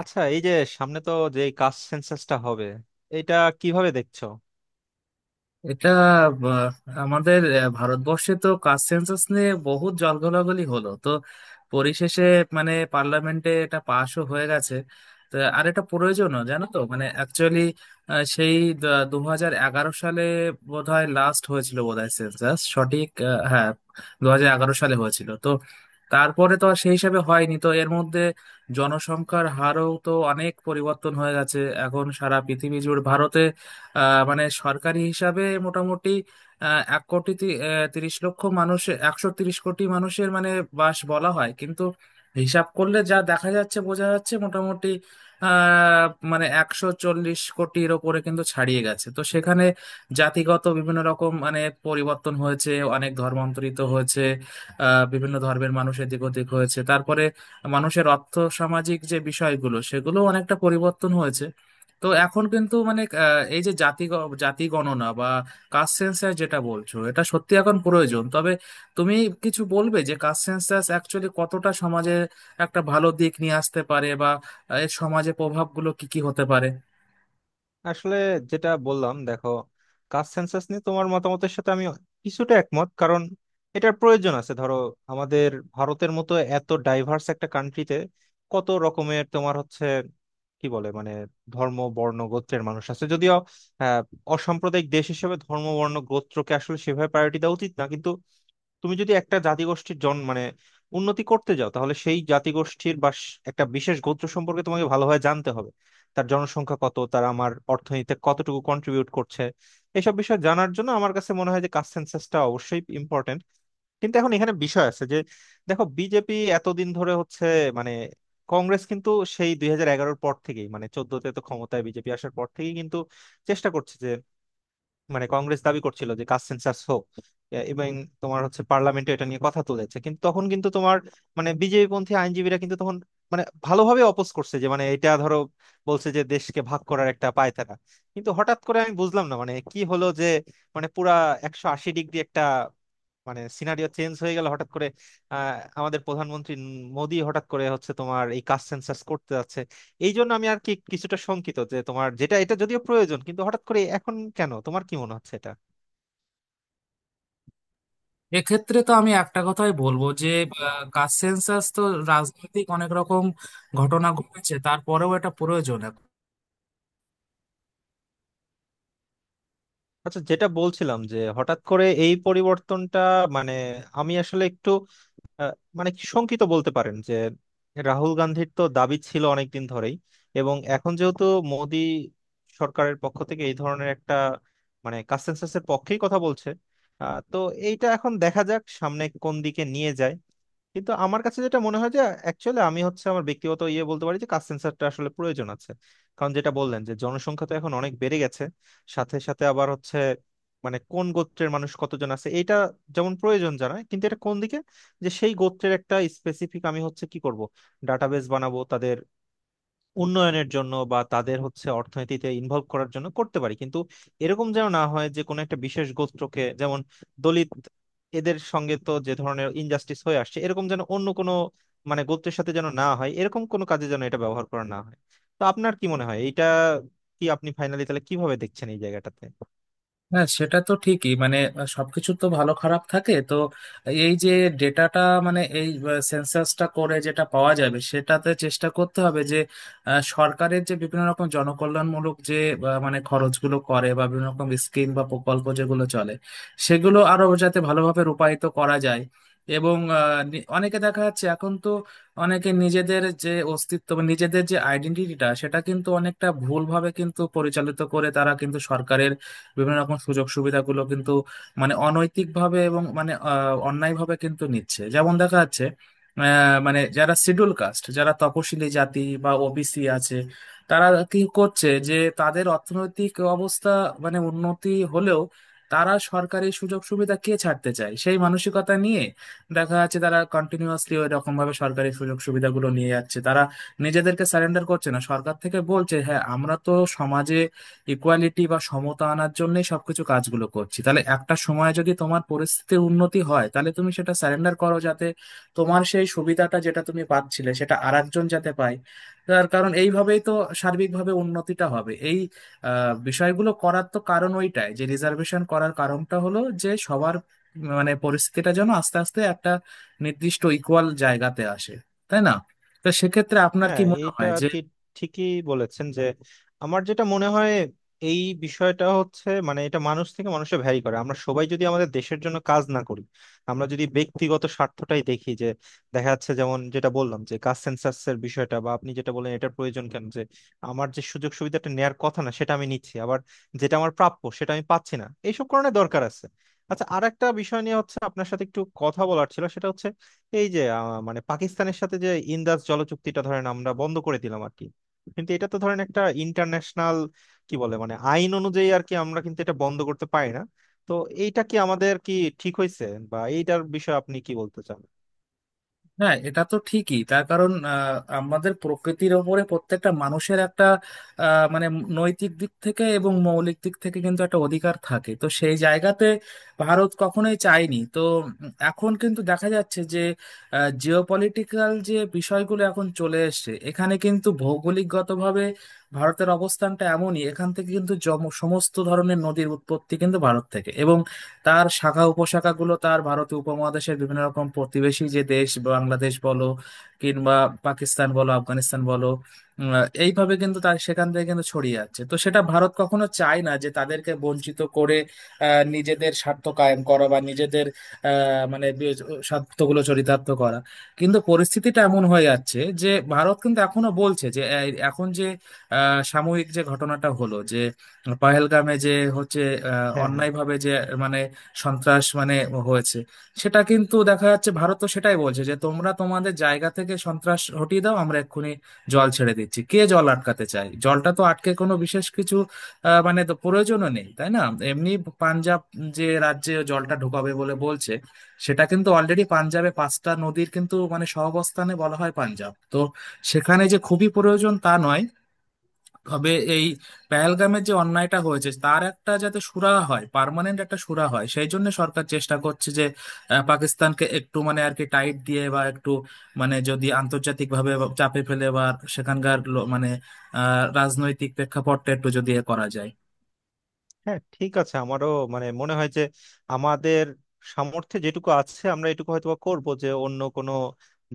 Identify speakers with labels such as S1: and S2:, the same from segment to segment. S1: আচ্ছা, এই যে সামনে তো যে কাস্ট সেন্সাসটা হবে, এটা কিভাবে দেখছো?
S2: এটা আহ, আমাদের ভারতবর্ষে তো কাস্ট সেন্সাস নিয়ে বহুত জলঘোলাঘলি হলো তো, পরিশেষে মানে পার্লামেন্টে এটা পাশও হয়ে গেছে। তো আর এটা প্রয়োজনও জানো তো, মানে অ্যাকচুয়ালি সেই 2011 সালে বোধহয় লাস্ট হয়েছিল বোধহয় সেন্সাস সঠিক, হ্যাঁ 2011 সালে হয়েছিল তো। তারপরে তো আর সেই হিসাবে হয়নি তো, এর মধ্যে জনসংখ্যার হারও তো অনেক পরিবর্তন হয়ে গেছে। এখন সারা পৃথিবী জুড়ে ভারতে মানে সরকারি হিসাবে মোটামুটি আহ, এক কোটি তি- আহ, 30 লক্ষ মানুষের 130 কোটি মানুষের মানে বাস বলা হয়, কিন্তু হিসাব করলে যা দেখা যাচ্ছে, বোঝা যাচ্ছে মোটামুটি আহ মানে 140 কোটির ওপরে কিন্তু ছাড়িয়ে গেছে। তো সেখানে জাতিগত বিভিন্ন রকম মানে পরিবর্তন হয়েছে, অনেক ধর্মান্তরিত হয়েছে, বিভিন্ন ধর্মের মানুষ এদিক ওদিক হয়েছে, তারপরে মানুষের অর্থ সামাজিক যে বিষয়গুলো সেগুলো অনেকটা পরিবর্তন হয়েছে। তো এখন কিন্তু মানে এই যে জাতি গণনা বা কাস্ট সেন্সাস যেটা বলছো, এটা সত্যি এখন প্রয়োজন। তবে তুমি কিছু বলবে যে কাস্ট সেন্সাস অ্যাকচুয়ালি কতটা সমাজে একটা ভালো দিক নিয়ে আসতে পারে, বা এর সমাজে প্রভাবগুলো কি কি হতে পারে?
S1: আসলে যেটা বললাম দেখো, কাস্ট সেন্সাস নিয়ে তোমার মতামতের সাথে আমি কিছুটা একমত, কারণ এটার প্রয়োজন আছে। ধরো, আমাদের ভারতের মতো এত ডাইভার্স একটা কান্ট্রিতে কত রকমের তোমার হচ্ছে কি বলে মানে ধর্ম বর্ণ গোত্রের মানুষ আছে। যদিও আহ অসাম্প্রদায়িক দেশ হিসেবে ধর্ম বর্ণ গোত্রকে আসলে সেভাবে প্রায়োরিটি দেওয়া উচিত না, কিন্তু তুমি যদি একটা জাতিগোষ্ঠীর জন মানে উন্নতি করতে যাও, তাহলে সেই জাতিগোষ্ঠীর বা একটা বিশেষ গোত্র সম্পর্কে তোমাকে ভালোভাবে জানতে হবে। তার জনসংখ্যা কত, তারা আমার অর্থনীতিতে কতটুকু কন্ট্রিবিউট করছে, এসব বিষয় জানার জন্য আমার কাছে মনে হয় যে কাস্ট সেন্সাসটা অবশ্যই ইম্পর্টেন্ট। কিন্তু এখন এখানে বিষয় আছে যে, দেখো বিজেপি এতদিন ধরে হচ্ছে মানে কংগ্রেস কিন্তু সেই 2011-এর পর থেকেই, মানে 14-তে তো ক্ষমতায় বিজেপি আসার পর থেকেই কিন্তু চেষ্টা করছে। মানে কংগ্রেস দাবি করছিল যে কাস্ট সেন্সাস হোক, এবং তোমার হচ্ছে পার্লামেন্টে এটা নিয়ে কথা তুলেছে, কিন্তু তখন কিন্তু তোমার মানে বিজেপি পন্থী আইনজীবীরা কিন্তু তখন মানে ভালোভাবে অপোজ করছে, যে মানে এটা ধরো বলছে যে দেশকে ভাগ করার একটা পায়তারা। কিন্তু হঠাৎ করে আমি বুঝলাম না মানে কি হলো যে মানে পুরা 180 ডিগ্রি একটা মানে সিনারিও চেঞ্জ হয়ে গেল হঠাৎ করে। আহ, আমাদের প্রধানমন্ত্রী মোদী হঠাৎ করে হচ্ছে তোমার এই কাস্ট সেন্সাস করতে যাচ্ছে। এই জন্য আমি আর কি কিছুটা শঙ্কিত যে তোমার যেটা এটা যদিও প্রয়োজন, কিন্তু হঠাৎ করে এখন কেন, তোমার কি মনে হচ্ছে এটা?
S2: এক্ষেত্রে তো আমি একটা কথাই বলবো যে কাস্ট সেন্সাস তো রাজনৈতিক অনেক রকম ঘটনা ঘটেছে, তারপরেও এটা প্রয়োজন।
S1: আচ্ছা, যেটা বলছিলাম যে হঠাৎ করে এই পরিবর্তনটা, মানে আমি আসলে একটু আহ, মানে কি শঙ্কিত বলতে পারেন। যে রাহুল গান্ধীর তো দাবি ছিল অনেকদিন ধরেই, এবং এখন যেহেতু মোদি সরকারের পক্ষ থেকে এই ধরনের একটা মানে কনসেনসাসের পক্ষেই কথা বলছে, তো এইটা এখন দেখা যাক সামনে কোন দিকে নিয়ে যায়। কিন্তু আমার কাছে যেটা মনে হয় যে অ্যাকচুয়ালি আমি হচ্ছে আমার ব্যক্তিগত ইয়ে বলতে পারি যে কাস্ট সেন্সারটা আসলে প্রয়োজন আছে। কারণ যেটা বললেন, যে জনসংখ্যা তো এখন অনেক বেড়ে গেছে, সাথে সাথে আবার হচ্ছে মানে কোন গোত্রের মানুষ কতজন আছে, এটা যেমন প্রয়োজন জানা। কিন্তু এটা কোন দিকে, যে সেই গোত্রের একটা স্পেসিফিক আমি হচ্ছে কি করব, ডাটাবেস বানাবো তাদের উন্নয়নের জন্য বা তাদের হচ্ছে অর্থনীতিতে ইনভলভ করার জন্য, করতে পারি। কিন্তু এরকম যেন না হয় যে কোনো একটা বিশেষ গোত্রকে, যেমন দলিত, এদের সঙ্গে তো যে ধরনের ইনজাস্টিস হয়ে আসছে, এরকম যেন অন্য কোনো মানে গোত্রের সাথে যেন না হয়, এরকম কোনো কাজে যেন এটা ব্যবহার করা না হয়। তো আপনার কি মনে হয় এটা, কি আপনি ফাইনালি তাহলে কিভাবে দেখছেন এই জায়গাটাতে?
S2: হ্যাঁ, সেটা তো ঠিকই, মানে সবকিছু তো ভালো খারাপ থাকে তো। এই যে ডেটাটা, মানে এই সেন্সাসটা করে যেটা পাওয়া যাবে, সেটাতে চেষ্টা করতে হবে যে সরকারের যে বিভিন্ন রকম জনকল্যাণমূলক যে মানে খরচগুলো করে বা বিভিন্ন রকম স্কিম বা প্রকল্প যেগুলো চলে, সেগুলো আরো যাতে ভালোভাবে রূপায়িত করা যায়। এবং অনেকে দেখা যাচ্ছে এখন তো, অনেকে নিজেদের যে অস্তিত্ব বা নিজেদের যে আইডেন্টিটিটা সেটা কিন্তু অনেকটা ভুলভাবে কিন্তু পরিচালিত করে, তারা কিন্তু সরকারের বিভিন্ন রকম সুযোগ সুবিধাগুলো কিন্তু মানে অনৈতিকভাবে এবং মানে অন্যায়ভাবে কিন্তু নিচ্ছে। যেমন দেখা যাচ্ছে মানে যারা শিডিউল কাস্ট, যারা তপশিলি জাতি বা ওবিসি আছে, তারা কি করছে যে তাদের অর্থনৈতিক অবস্থা মানে উন্নতি হলেও তারা সরকারি সুযোগ সুবিধা কে ছাড়তে চায় সেই মানসিকতা নিয়ে দেখা যাচ্ছে তারা কন্টিনিউয়াসলি ওই রকম ভাবে সরকারি সুযোগ সুবিধাগুলো নিয়ে যাচ্ছে। তারা নিজেদেরকে সারেন্ডার করছে না। সরকার থেকে বলছে, হ্যাঁ আমরা তো সমাজে ইকুয়ালিটি বা সমতা আনার জন্যই সবকিছু কাজগুলো করছি, তাহলে একটা সময় যদি তোমার পরিস্থিতির উন্নতি হয় তাহলে তুমি সেটা সারেন্ডার করো, যাতে তোমার সেই সুবিধাটা যেটা তুমি পাচ্ছিলে সেটা আরেকজন যাতে পায়। তার কারণ এইভাবেই তো সার্বিকভাবে উন্নতিটা হবে। এই বিষয়গুলো করার তো কারণ ওইটাই, যে রিজার্ভেশন করার কারণটা হলো যে সবার মানে পরিস্থিতিটা যেন আস্তে আস্তে একটা নির্দিষ্ট ইকুয়াল জায়গাতে আসে, তাই না? তো সেক্ষেত্রে আপনার কি
S1: হ্যাঁ,
S2: মনে
S1: এইটা
S2: হয়
S1: আর
S2: যে,
S1: কি ঠিকই বলেছেন যে আমার যেটা মনে হয়, এই বিষয়টা হচ্ছে মানে এটা মানুষ থেকে মানুষে ভ্যারি করে। আমরা সবাই যদি আমাদের দেশের জন্য কাজ না করি, আমরা যদি ব্যক্তিগত স্বার্থটাই দেখি, যে দেখা যাচ্ছে যেমন যেটা বললাম যে কাস্ট সেন্সাস এর বিষয়টা বা আপনি যেটা বললেন এটার প্রয়োজন কেন, যে আমার যে সুযোগ সুবিধাটা নেয়ার কথা না সেটা আমি নিচ্ছি, আবার যেটা আমার প্রাপ্য সেটা আমি পাচ্ছি না, এইসব কারণে দরকার আছে। আচ্ছা, আর একটা বিষয় নিয়ে হচ্ছে আপনার সাথে একটু কথা বলার ছিল, সেটা হচ্ছে এই যে মানে পাকিস্তানের সাথে যে ইন্দাস জলচুক্তিটা ধরেন আমরা বন্ধ করে দিলাম আর কি। কিন্তু এটা তো ধরেন একটা ইন্টারন্যাশনাল কি বলে মানে আইন অনুযায়ী আর কি আমরা কিন্তু এটা বন্ধ করতে পারি না। তো এইটা কি আমাদের কি ঠিক হয়েছে, বা এইটার বিষয়ে আপনি কি বলতে চান?
S2: হ্যাঁ এটা তো ঠিকই, তার কারণ আমাদের প্রকৃতির ওপরে প্রত্যেকটা মানুষের একটা মানে নৈতিক দিক থেকে এবং মৌলিক দিক থেকে কিন্তু একটা অধিকার থাকে। তো সেই জায়গাতে ভারত কখনোই চায়নি তো। এখন কিন্তু দেখা যাচ্ছে যে জিওপলিটিক্যাল যে বিষয়গুলো এখন চলে এসেছে, এখানে কিন্তু ভৌগোলিকগতভাবে ভারতের অবস্থানটা এমনই, এখান থেকে কিন্তু সমস্ত ধরনের নদীর উৎপত্তি কিন্তু ভারত থেকে, এবং তার শাখা উপশাখাগুলো তার ভারতীয় উপমহাদেশের বিভিন্ন রকম প্রতিবেশী যে দেশ, বাংলাদেশ বলো কিংবা পাকিস্তান বলো, আফগানিস্তান বলো, উম, এইভাবে কিন্তু তার সেখান থেকে কিন্তু ছড়িয়ে আছে। তো সেটা ভারত কখনো চায় না যে তাদেরকে বঞ্চিত করে নিজেদের স্বার্থ কায়েম করা, বা নিজেদের আহ, মানে বি- স্বার্থগুলো চরিতার্থ করা। কিন্তু পরিস্থিতিটা এমন হয়ে যাচ্ছে যে ভারত কিন্তু এখনো বলছে যে এই এখন যে সাময়িক যে ঘটনাটা হলো যে পহেলগামে যে হচ্ছে
S1: হ্যাঁ, হ্যাঁ।
S2: অন্যায়ভাবে যে মানে সন্ত্রাস মানে হয়েছে, সেটা কিন্তু দেখা যাচ্ছে ভারত তো সেটাই বলছে যে তোমরা তোমাদের জায়গা থেকে সন্ত্রাস হটিয়ে দাও, আমরা এক্ষুনি জল ছেড়ে দিচ্ছি। কে জল আটকাতে চায়? জলটা তো আটকে কোনো বিশেষ কিছু মানে তো প্রয়োজনও নেই, তাই না? এমনি পাঞ্জাব যে রাজ্যে জলটা ঢোকাবে বলে বলছে, সেটা কিন্তু অলরেডি পাঞ্জাবে পাঁচটা নদীর কিন্তু মানে সহাবস্থানে বলা হয় পাঞ্জাব তো, সেখানে যে খুবই প্রয়োজন তা নয়। তবে এই পহেলগামের যে অন্যায়টা হয়েছে তার একটা যাতে সুরাহা হয়, পার্মানেন্ট একটা সুরাহা হয়, সেই জন্য সরকার চেষ্টা করছে যে পাকিস্তানকে একটু মানে আর কি টাইট দিয়ে বা একটু মানে যদি আন্তর্জাতিক ভাবে চাপে ফেলে, বা সেখানকার মানে রাজনৈতিক প্রেক্ষাপটটা একটু যদি এ করা যায়।
S1: হ্যাঁ ঠিক আছে, আমারও মানে মনে হয় যে আমাদের সামর্থ্যে যেটুকু আছে আমরা এটুকু হয়তো করবো, যে অন্য কোনো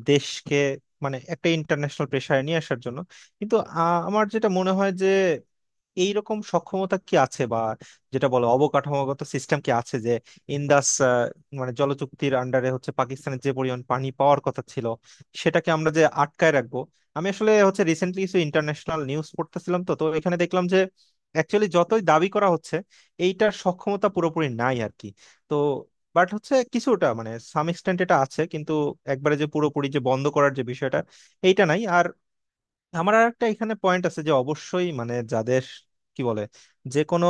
S1: দেশকে মানে একটা ইন্টারন্যাশনাল প্রেশারে নিয়ে আসার জন্য। কিন্তু আমার যেটা মনে হয় যে এইরকম সক্ষমতা কি আছে, বা যেটা বলে অবকাঠামোগত সিস্টেম কি আছে, যে ইন্দাস মানে জলচুক্তির আন্ডারে হচ্ছে পাকিস্তানের যে পরিমাণ পানি পাওয়ার কথা ছিল সেটাকে আমরা যে আটকায় রাখবো। আমি আসলে হচ্ছে রিসেন্টলি কিছু ইন্টারন্যাশনাল নিউজ পড়তেছিলাম, তো তো এখানে দেখলাম যে অ্যাকচুয়ালি যতই দাবি করা হচ্ছে, এইটার সক্ষমতা পুরোপুরি নাই আর কি। তো বাট হচ্ছে কিছুটা মানে সাম এক্সটেন্ট এটা আছে, কিন্তু একবারে যে পুরোপুরি যে বন্ধ করার যে বিষয়টা এইটা নাই। আর আমার আর একটা এখানে পয়েন্ট আছে যে অবশ্যই মানে যাদের কি বলে, যে কোনো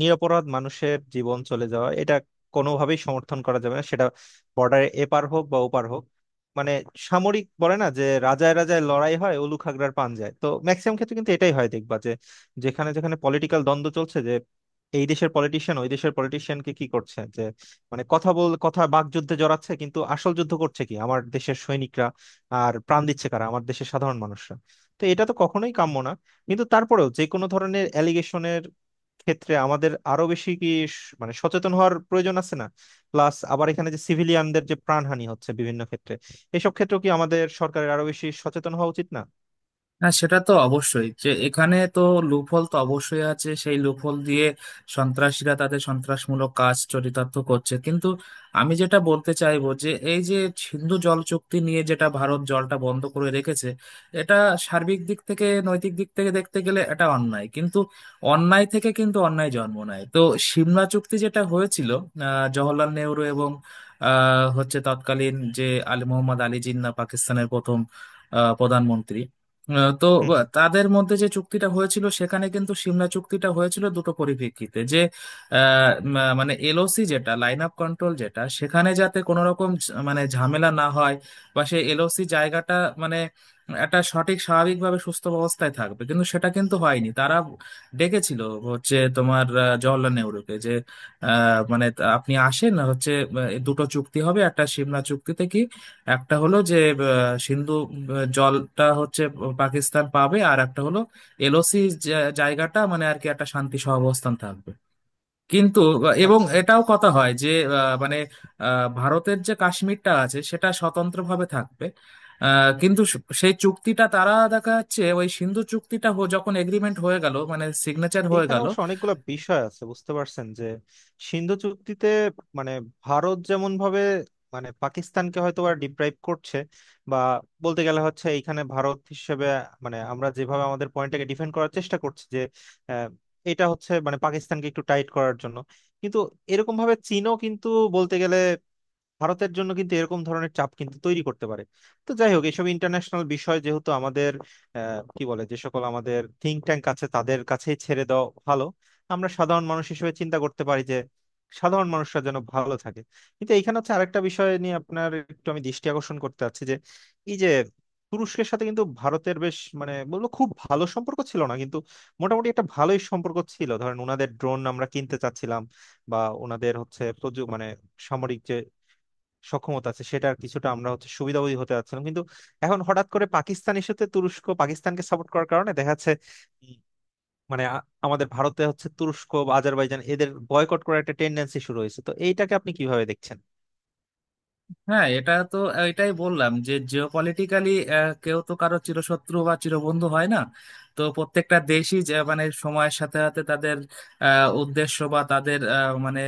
S1: নিরপরাধ মানুষের জীবন চলে যাওয়া এটা কোনোভাবেই সমর্থন করা যাবে না, সেটা বর্ডারে এপার হোক বা ওপার হোক। মানে সামরিক বলে না যে রাজায় রাজায় লড়াই হয় উলু খাগড়ার পান যায়, তো ম্যাক্সিমাম ক্ষেত্রে কিন্তু এটাই হয় দেখবা, যে যেখানে যেখানে পলিটিক্যাল দ্বন্দ্ব চলছে, যে এই দেশের পলিটিশিয়ান ওই দেশের পলিটিশিয়ানকে কি করছে, যে মানে কথা বল কথা বাকযুদ্ধে জড়াচ্ছে, কিন্তু আসল যুদ্ধ করছে কি আমার দেশের সৈনিকরা, আর প্রাণ দিচ্ছে কারা আমার দেশের সাধারণ মানুষরা। তো এটা তো কখনোই কাম্য না। কিন্তু তারপরেও যে কোনো ধরনের অ্যালিগেশনের ক্ষেত্রে আমাদের আরো বেশি কি মানে সচেতন হওয়ার প্রয়োজন আছে না? প্লাস আবার এখানে যে সিভিলিয়ানদের যে প্রাণহানি হচ্ছে বিভিন্ন ক্ষেত্রে, এসব ক্ষেত্রেও কি আমাদের সরকারের আরো বেশি সচেতন হওয়া উচিত না?
S2: হ্যাঁ, সেটা তো অবশ্যই, যে এখানে তো লুপহোল তো অবশ্যই আছে, সেই লুপহোল দিয়ে সন্ত্রাসীরা তাদের সন্ত্রাসমূলক কাজ চরিতার্থ করছে। কিন্তু আমি যেটা বলতে চাইবো যে এই যে সিন্ধু জল চুক্তি নিয়ে যেটা ভারত জলটা বন্ধ করে রেখেছে, এটা সার্বিক দিক থেকে নৈতিক দিক থেকে দেখতে গেলে এটা অন্যায়, কিন্তু অন্যায় থেকে কিন্তু অন্যায় জন্ম নেয় তো। সিমলা চুক্তি যেটা হয়েছিল জওহরলাল নেহরু এবং হচ্ছে তৎকালীন যে আলী মোহাম্মদ আলী জিন্নাহ, পাকিস্তানের প্রথম প্রধানমন্ত্রী, আহ, তো
S1: হুম, হুম।
S2: তাদের মধ্যে যে চুক্তিটা হয়েছিল সেখানে কিন্তু সিমলা চুক্তিটা হয়েছিল দুটো পরিপ্রেক্ষিতে, যে মানে এলওসি যেটা লাইন অফ কন্ট্রোল যেটা, সেখানে যাতে কোনো রকম মানে ঝামেলা না হয়, বা সেই এলওসি জায়গাটা মানে একটা সঠিক স্বাভাবিকভাবে সুস্থ অবস্থায় থাকবে। কিন্তু সেটা কিন্তু হয়নি। তারা ডেকেছিল হচ্ছে তোমার জওহরলাল নেহরুকে, যে আপনি আসেন হচ্ছে, দুটো চুক্তি হবে একটা সিমলা চুক্তিতে কি, একটা হলো যে সিন্ধু জলটা হচ্ছে পাকিস্তান পাবে, আর একটা হলো এলওসি জায়গাটা মানে আর কি একটা শান্তি সহাবস্থান থাকবে। কিন্তু এবং
S1: আচ্ছা,
S2: এটাও কথা হয় যে আহ, মানে ভারতের যে কাশ্মীরটা আছে সেটা স্বতন্ত্রভাবে থাকবে, কিন্তু সেই চুক্তিটা তারা দেখা যাচ্ছে ওই সিন্ধু যখন এগ্রিমেন্ট হয়ে গেল মানে সিগনেচার হয়ে
S1: এইখানে
S2: গেল।
S1: অবশ্য অনেকগুলো বিষয় আছে বুঝতে পারছেন, যে সিন্ধু চুক্তিতে মানে ভারত যেমন ভাবে মানে পাকিস্তানকে হয়তো বা ডিপ্রাইভ করছে, বা বলতে গেলে হচ্ছে এইখানে ভারত হিসেবে মানে আমরা যেভাবে আমাদের পয়েন্টটাকে ডিফেন্ড করার চেষ্টা করছি যে আহ, এটা হচ্ছে মানে পাকিস্তানকে একটু টাইট করার জন্য। কিন্তু এরকম ভাবে চীনও কিন্তু বলতে গেলে ভারতের জন্য কিন্তু এরকম ধরনের চাপ কিন্তু তৈরি করতে পারে। তো যাই হোক, এইসব ইন্টারন্যাশনাল বিষয় যেহেতু আমাদের কি বলে যে সকল আমাদের থিঙ্ক ট্যাঙ্ক আছে, তাদের কাছেই ছেড়ে দেওয়া ভালো। আমরা সাধারণ মানুষ হিসেবে চিন্তা করতে পারি যে সাধারণ মানুষরা যেন ভালো থাকে। কিন্তু এইখানে হচ্ছে আরেকটা বিষয় নিয়ে আপনার একটু আমি দৃষ্টি আকর্ষণ করতে চাচ্ছি, যে এই যে তুরস্কের সাথে কিন্তু ভারতের বেশ মানে বলবো খুব ভালো সম্পর্ক ছিল না, কিন্তু মোটামুটি একটা ভালোই সম্পর্ক ছিল। ধরেন ওনাদের ড্রোন আমরা কিনতে চাচ্ছিলাম, বা ওনাদের হচ্ছে মানে সামরিক যে সক্ষমতা আছে সেটার কিছুটা আমরা হচ্ছে সুবিধাভোগী হতে যাচ্ছিলাম। কিন্তু এখন হঠাৎ করে পাকিস্তানের সাথে তুরস্ক পাকিস্তানকে সাপোর্ট করার কারণে দেখা যাচ্ছে উম, মানে আমাদের ভারতে হচ্ছে তুরস্ক বা আজারবাইজান এদের বয়কট করার একটা টেন্ডেন্সি শুরু হয়েছে। তো এইটাকে আপনি কিভাবে দেখছেন?
S2: হ্যাঁ এটা তো, এটাই বললাম যে জিওপলিটিক্যালি কেউ তো কারো চিরশত্রু বা চিরবন্ধু হয় না। তো প্রত্যেকটা দেশই যে মানে সময়ের সাথে সাথে তাদের উদ্দেশ্য বা তাদের মানে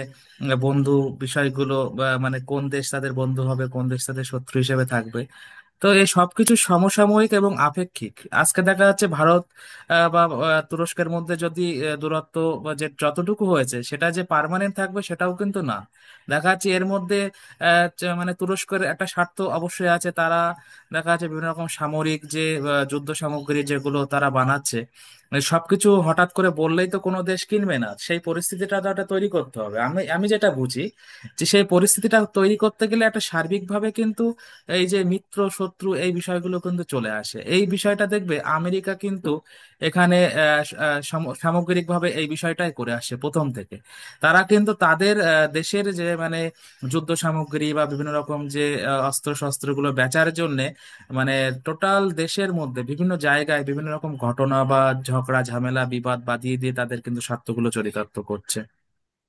S2: বন্ধু বিষয়গুলো, বা মানে কোন দেশ তাদের বন্ধু হবে কোন দেশ তাদের শত্রু হিসেবে থাকবে, তো এই সবকিছু সমসাময়িক এবং আপেক্ষিক। আজকে দেখা যাচ্ছে ভারত বা তুরস্কের মধ্যে যদি দূরত্ব বা যে যতটুকু হয়েছে, সেটা যে পার্মানেন্ট থাকবে সেটাও কিন্তু না। দেখা যাচ্ছে এর মধ্যে যে মানে তুরস্কের একটা স্বার্থ অবশ্যই আছে। তারা দেখা যাচ্ছে বিভিন্ন রকম সামরিক যে যুদ্ধ সামগ্রী যেগুলো তারা বানাচ্ছে, মানে সবকিছু হঠাৎ করে বললেই তো কোনো দেশ কিনবে না, সেই পরিস্থিতিটা তো একটা তৈরি করতে হবে। আমি আমি যেটা বুঝি যে সেই পরিস্থিতিটা তৈরি করতে গেলে একটা সার্বিকভাবে কিন্তু এই যে মিত্র শত্রু এই বিষয়গুলো কিন্তু চলে আসে। এই বিষয়টা দেখবে, আমেরিকা কিন্তু এখানে আহ, স- আহ, সাম- সামগ্রিকভাবে এই বিষয়টাই করে আসছে প্রথম থেকে। তারা কিন্তু তাদের দেশের যে মানে যুদ্ধ সামগ্রী বা বিভিন্ন রকম যে অস্ত্র শস্ত্রগুলো বেচার জন্য মানে টোটাল দেশের মধ্যে বিভিন্ন জায়গায় বিভিন্ন রকম ঘটনা বা ঝগড়া ঝামেলা বিবাদ বাদিয়ে দিয়ে তাদের কিন্তু স্বার্থগুলো চরিতার্থ করছে।